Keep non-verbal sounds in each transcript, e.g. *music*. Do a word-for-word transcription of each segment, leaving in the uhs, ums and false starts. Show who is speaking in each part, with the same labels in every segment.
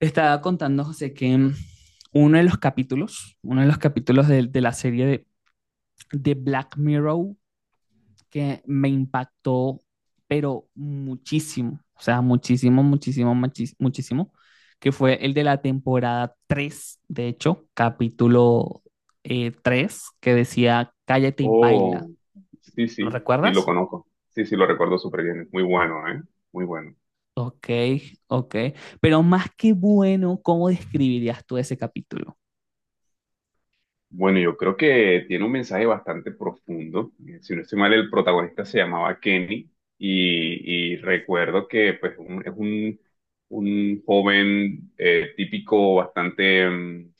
Speaker 1: Estaba contando, José, que mm, uno de los capítulos, uno de los capítulos de, de la serie de, de Black Mirror que me impactó, pero muchísimo, o sea, muchísimo, muchísimo, muchis- muchísimo, que fue el de la temporada tres, de hecho, capítulo eh, tres, que decía Cállate y baila.
Speaker 2: Oh, sí,
Speaker 1: ¿Lo
Speaker 2: sí, sí lo
Speaker 1: recuerdas?
Speaker 2: conozco. Sí, sí lo recuerdo súper bien. Es Muy bueno, ¿eh? Muy bueno.
Speaker 1: Ok, ok. Pero más que bueno, ¿cómo describirías tú ese capítulo?
Speaker 2: Bueno, yo creo que tiene un mensaje bastante profundo. Eh, Si no estoy mal, el protagonista se llamaba Kenny y, y recuerdo que pues, un- es un, un joven eh, típico, bastante mm,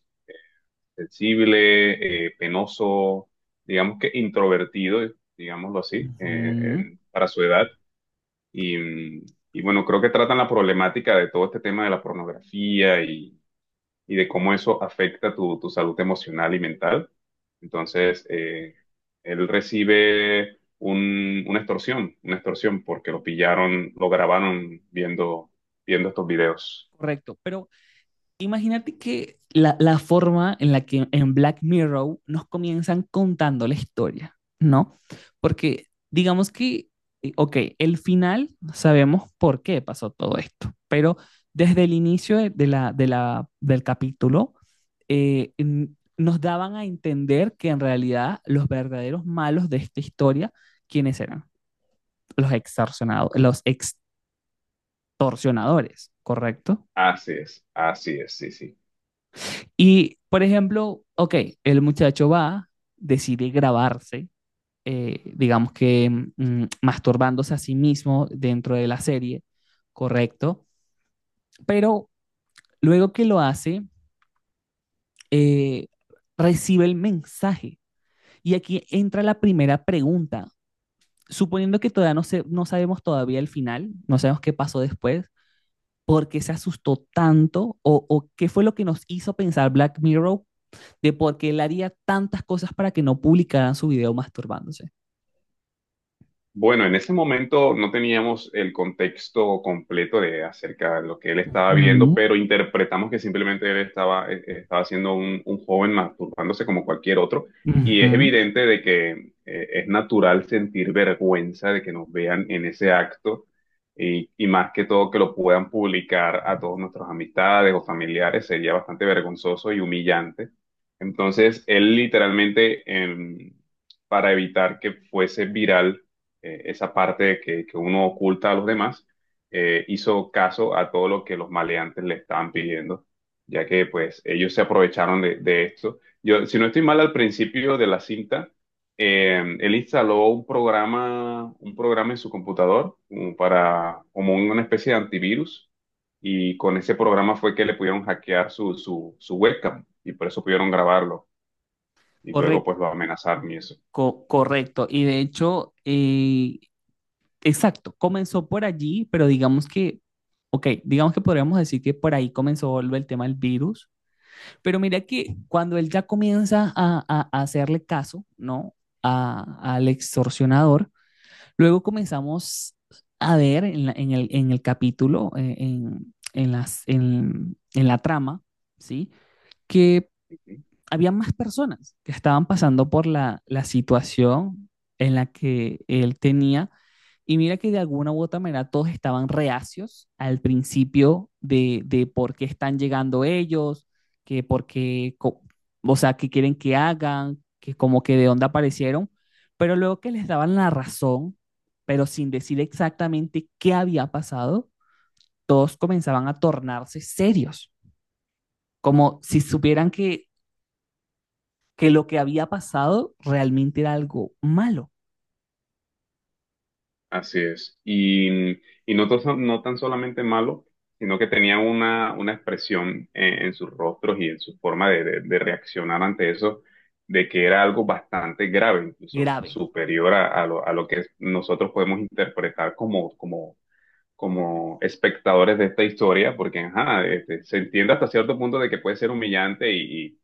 Speaker 2: sensible, eh, penoso, digamos que introvertido, digámoslo así, eh,
Speaker 1: Ujú.
Speaker 2: en- para su edad. Y, mm, y bueno, creo que tratan la problemática de todo este tema de la pornografía y, y de cómo eso afecta tu, tu salud emocional y mental. Entonces, eh, él recibe un- una extorsión, una extorsión porque lo pillaron, lo grabaron viendo, viendo estos videos.
Speaker 1: Correcto, pero imagínate que la, la forma en la que en Black Mirror nos comienzan contando la historia, ¿no? Porque digamos que, eh, ok, el final sabemos por qué pasó todo esto, pero desde el inicio de, de la, de la, del capítulo eh, n- nos daban a entender que en realidad los verdaderos malos de esta historia, ¿quiénes eran? Los extorsionados, los extorsionadores, ¿correcto?
Speaker 2: Así es, así es, sí, sí.
Speaker 1: Y, por ejemplo, ok, el muchacho va, decide grabarse, eh, digamos que mm, masturbándose a sí mismo dentro de la serie, correcto, pero luego que lo hace, eh, recibe el mensaje. Y aquí entra la primera pregunta. Suponiendo que todavía no, se, no sabemos todavía el final, no sabemos qué pasó después, ¿por qué se asustó tanto o, o qué fue lo que nos hizo pensar Black Mirror de por qué él haría tantas cosas para que no publicaran su video masturbándose?
Speaker 2: Bueno, en ese momento no teníamos el contexto completo de acerca de lo que él estaba
Speaker 1: Ujú.
Speaker 2: viendo, pero interpretamos que simplemente él estaba, eh, eh, estaba siendo un, un joven masturbándose como cualquier otro. Y
Speaker 1: Ujú.
Speaker 2: es evidente de que eh, es natural sentir vergüenza de que nos vean en ese acto y, y más que todo que lo puedan publicar a todos nuestros amistades o familiares sería bastante vergonzoso y humillante. Entonces, él literalmente, em, para evitar que fuese viral, eh, esa parte que, que uno oculta a los demás, eh, hizo caso a todo lo que los maleantes le estaban pidiendo, ya que pues ellos se aprovecharon de, de esto. Yo, si no estoy mal, al principio de la cinta, eh, él instaló un programa, un programa en su computador como para, como una especie de antivirus, y con ese programa fue que le pudieron hackear su, su, su webcam, y por eso pudieron grabarlo, y luego pues
Speaker 1: Correcto,
Speaker 2: lo amenazaron y eso.
Speaker 1: co- correcto. Y de hecho, eh, exacto, comenzó por allí, pero digamos que, ok, digamos que podríamos decir que por ahí comenzó el el tema del virus, pero mira que cuando él ya comienza a, a- a hacerle caso, ¿no? A- al extorsionador. Luego comenzamos a ver en, la- en el, en el capítulo, eh, en, en las, en, en la trama, ¿sí? Que había más personas que estaban pasando por la, la situación en la que él tenía, y mira que de alguna u otra manera todos estaban reacios al principio de, de por qué están llegando ellos, que por qué, co- o sea, qué quieren que hagan, que como que de dónde aparecieron, pero luego que les daban la razón, pero sin decir exactamente qué había pasado, todos comenzaban a tornarse serios, como si supieran que, que lo que había pasado realmente era algo malo,
Speaker 2: Así es. Y, y no, to- no tan solamente malo, sino que tenía una, una expresión en, en sus rostros y en su forma de, de- de reaccionar ante eso, de que era algo bastante grave, incluso
Speaker 1: grave,
Speaker 2: superior a, a lo, a lo que nosotros podemos interpretar como, como, como espectadores de esta historia, porque ajá, este, se entiende hasta cierto punto de que puede ser humillante y,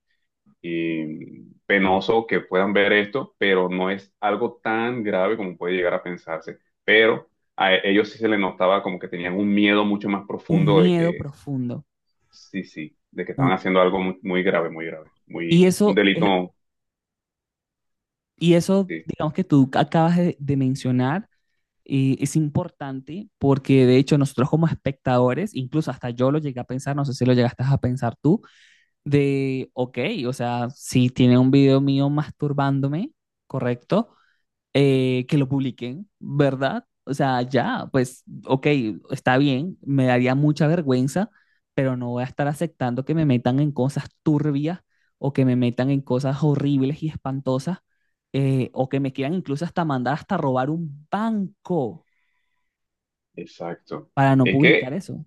Speaker 2: eh, penoso que puedan ver esto, pero no es algo tan grave como puede llegar a pensarse. Pero a e- ellos sí se les notaba como que tenían un miedo mucho más
Speaker 1: un
Speaker 2: profundo de
Speaker 1: miedo
Speaker 2: que,
Speaker 1: profundo.
Speaker 2: sí, sí, de que estaban
Speaker 1: un-
Speaker 2: haciendo algo muy, muy grave, muy grave,
Speaker 1: Y
Speaker 2: muy, un
Speaker 1: eso es,
Speaker 2: delito,
Speaker 1: y eso,
Speaker 2: sí,
Speaker 1: digamos que tú acabas de, de mencionar, eh, es importante porque de hecho nosotros como espectadores, incluso hasta yo lo llegué a pensar, no sé si lo llegaste a pensar tú, de, ok, o sea, si tiene un video mío masturbándome, ¿correcto? Eh, que lo publiquen, ¿verdad? O sea, ya, pues, ok, está bien, me daría mucha vergüenza, pero no voy a estar aceptando que me metan en cosas turbias o que me metan en cosas horribles y espantosas, eh, o que me quieran incluso hasta mandar hasta robar un banco
Speaker 2: exacto.
Speaker 1: para no
Speaker 2: Es
Speaker 1: publicar
Speaker 2: que
Speaker 1: eso.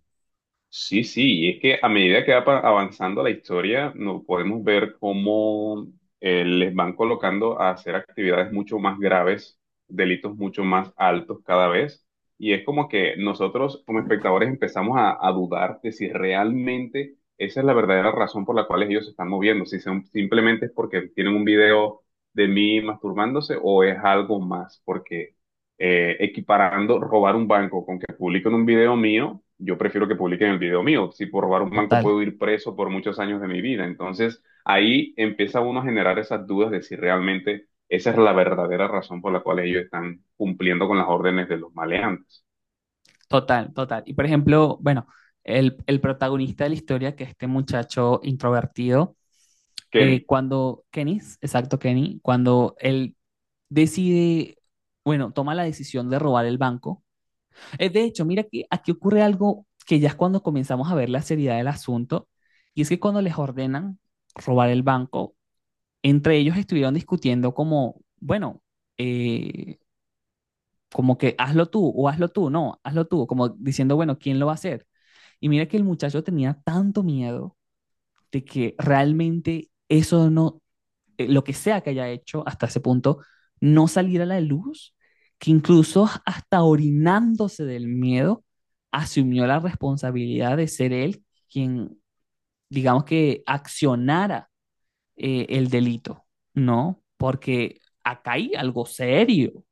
Speaker 2: sí, sí, y es que a medida que va pa- avanzando la historia, nos podemos ver cómo eh, les van colocando a hacer actividades mucho más graves, delitos mucho más altos cada vez, y es como que nosotros como espectadores empezamos a, a dudar de si realmente esa es la verdadera razón por la cual ellos se están moviendo, si son, simplemente es porque tienen un video de mí masturbándose o es algo más, porque eh, equiparando robar un banco con que publiquen un video mío, yo prefiero que publiquen el video mío. Si por robar un banco
Speaker 1: Total,
Speaker 2: puedo ir preso por muchos años de mi vida. Entonces ahí empieza uno a generar esas dudas de si realmente esa es la verdadera razón por la cual ellos están cumpliendo con las órdenes de los maleantes.
Speaker 1: total, total. Y por ejemplo, bueno, el, el protagonista de la historia, que es este muchacho introvertido, eh,
Speaker 2: Kenny.
Speaker 1: cuando Kenny, exacto, Kenny, cuando él decide, bueno, toma la decisión de robar el banco. Eh, de hecho, mira que aquí ocurre algo que ya es cuando comenzamos a ver la seriedad del asunto, y es que cuando les ordenan robar el banco, entre ellos estuvieron discutiendo como, bueno, eh, como que hazlo tú o hazlo tú, no, hazlo tú, como diciendo, bueno, ¿quién lo va a hacer? Y mira que el muchacho tenía tanto miedo de que realmente eso no eh, lo que sea que haya hecho hasta ese punto no salir a la luz, que incluso hasta orinándose del miedo, asumió la responsabilidad de ser él quien, digamos que, accionara eh, el delito, ¿no? Porque acá hay algo serio.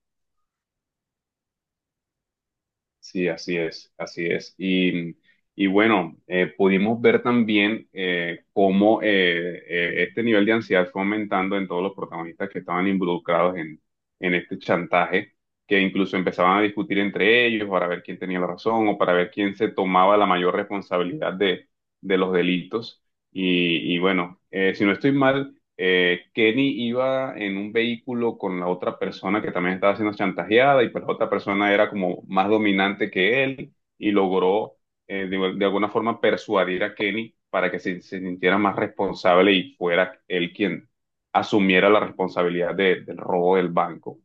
Speaker 2: Sí, así es, así es. Y, y bueno, eh, pudimos ver también, eh, cómo eh, eh, este nivel de ansiedad fue aumentando en todos los protagonistas que estaban involucrados en, en este chantaje, que incluso empezaban a discutir entre ellos para ver quién tenía la razón o para ver quién se tomaba la mayor responsabilidad de, de los delitos. Y, y bueno, eh, si no estoy mal, eh, Kenny iba en un vehículo con la otra persona que también estaba siendo chantajeada y pues la otra persona era como más dominante que él y logró, eh, de, de alguna forma persuadir a Kenny para que se, se sintiera más responsable y fuera él quien asumiera la responsabilidad de- del robo del banco.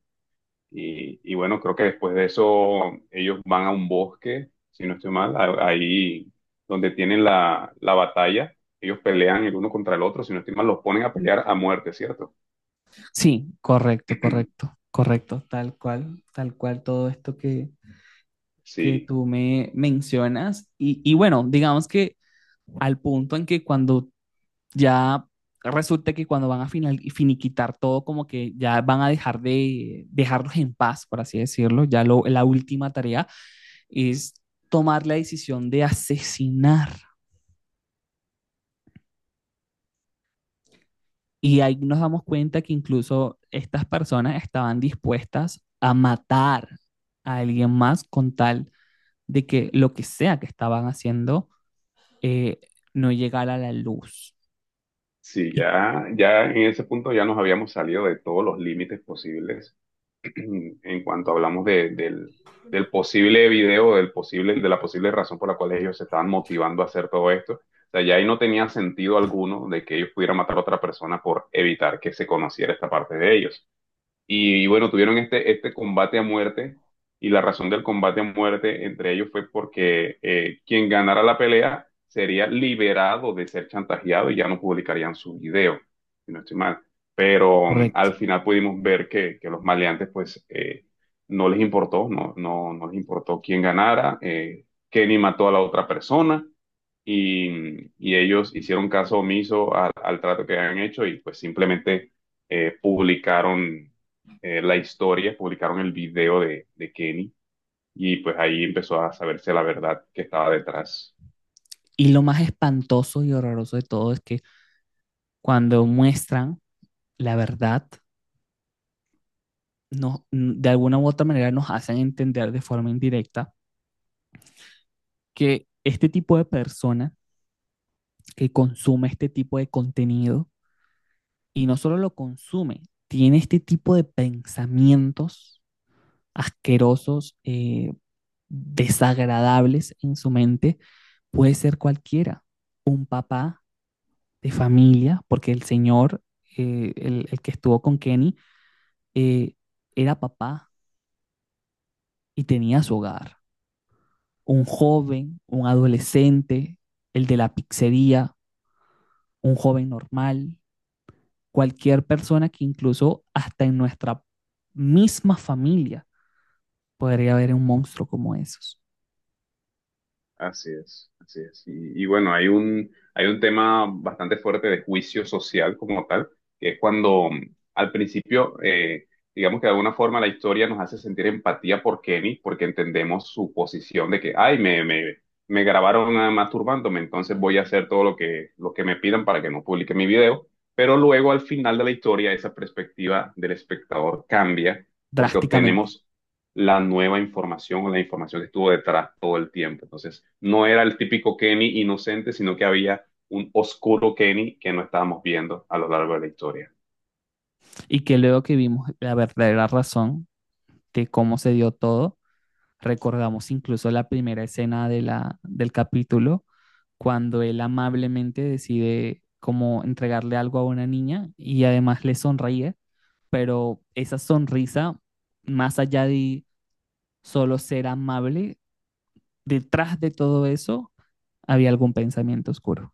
Speaker 2: Y, y bueno, creo que después de eso ellos van a un bosque, si no estoy mal, a- ahí donde tienen la, la batalla, ellos pelean el uno contra el otro, si no estoy mal, los ponen a pelear a muerte, ¿cierto?
Speaker 1: Sí, correcto, correcto, correcto, tal cual, tal cual todo esto que, que
Speaker 2: Sí,
Speaker 1: tú me mencionas. Y, y bueno, digamos que al punto en que cuando ya resulta que cuando van a final, finiquitar todo, como que ya van a dejar de dejarlos en paz, por así decirlo. Ya lo, la última tarea es tomar la decisión de asesinar. Y ahí nos damos cuenta que incluso estas personas estaban dispuestas a matar a alguien más con tal de que lo que sea que estaban haciendo, eh, no llegara a la luz.
Speaker 2: sí,
Speaker 1: Y,
Speaker 2: ya, ya en ese punto ya nos habíamos salido de todos los límites posibles. *clears throat* En cuanto hablamos de- del, del posible video, del posible, de la posible razón por la cual ellos se estaban motivando a hacer todo esto. O sea, ya ahí no tenía sentido alguno de que ellos pudieran matar a otra persona por evitar que se conociera esta parte de ellos. Y, y bueno, tuvieron este, este combate a muerte, y la razón del combate a muerte entre ellos fue porque eh, quien ganara la pelea sería liberado de ser chantajeado y ya no publicarían su video, si no estoy mal. Pero mm, al
Speaker 1: correcto.
Speaker 2: final pudimos ver que, que los maleantes pues eh, no les importó, no, no, no les importó quién ganara. eh, Kenny mató a la otra persona y, y ellos hicieron caso omiso al, al trato que habían hecho y pues simplemente eh, publicaron, eh, la historia, publicaron el video de, de Kenny, y pues ahí empezó a saberse la verdad que estaba detrás.
Speaker 1: Y lo más espantoso y horroroso de todo es que cuando muestran la verdad, nos- de alguna u otra manera nos hacen entender de forma indirecta que este tipo de persona que consume este tipo de contenido, y no solo lo consume, tiene este tipo de pensamientos asquerosos, eh, desagradables en su mente, puede ser cualquiera, un papá de familia, porque el señor, eh, el, el que estuvo con Kenny, eh, era papá y tenía su hogar, un joven, un adolescente, el de la pizzería, un joven normal, cualquier persona que incluso hasta en nuestra misma familia podría haber un monstruo como esos,
Speaker 2: Así es, así es. Y, y bueno, hay un, hay un tema bastante fuerte de juicio social como tal, que es cuando, mm, al principio, eh, digamos que de alguna forma la historia nos hace sentir empatía por Kenny, porque entendemos su posición de que, ay, me, me, me grabaron, ah, masturbándome, entonces voy a hacer todo lo que, lo que me pidan para que no publique mi video. Pero luego al final de la historia, esa perspectiva del espectador cambia, porque
Speaker 1: drásticamente.
Speaker 2: obtenemos la nueva información o la información que estuvo detrás todo el tiempo. Entonces, no era el típico Kenny inocente, sino que había un oscuro Kenny que no estábamos viendo a lo largo de la historia.
Speaker 1: Y que luego que vimos la verdadera razón de cómo se dio todo, recordamos incluso la primera escena de la, del capítulo, cuando él amablemente decide como entregarle algo a una niña y además le sonríe, pero esa sonrisa, más allá de solo ser amable, detrás de todo eso había algún pensamiento oscuro.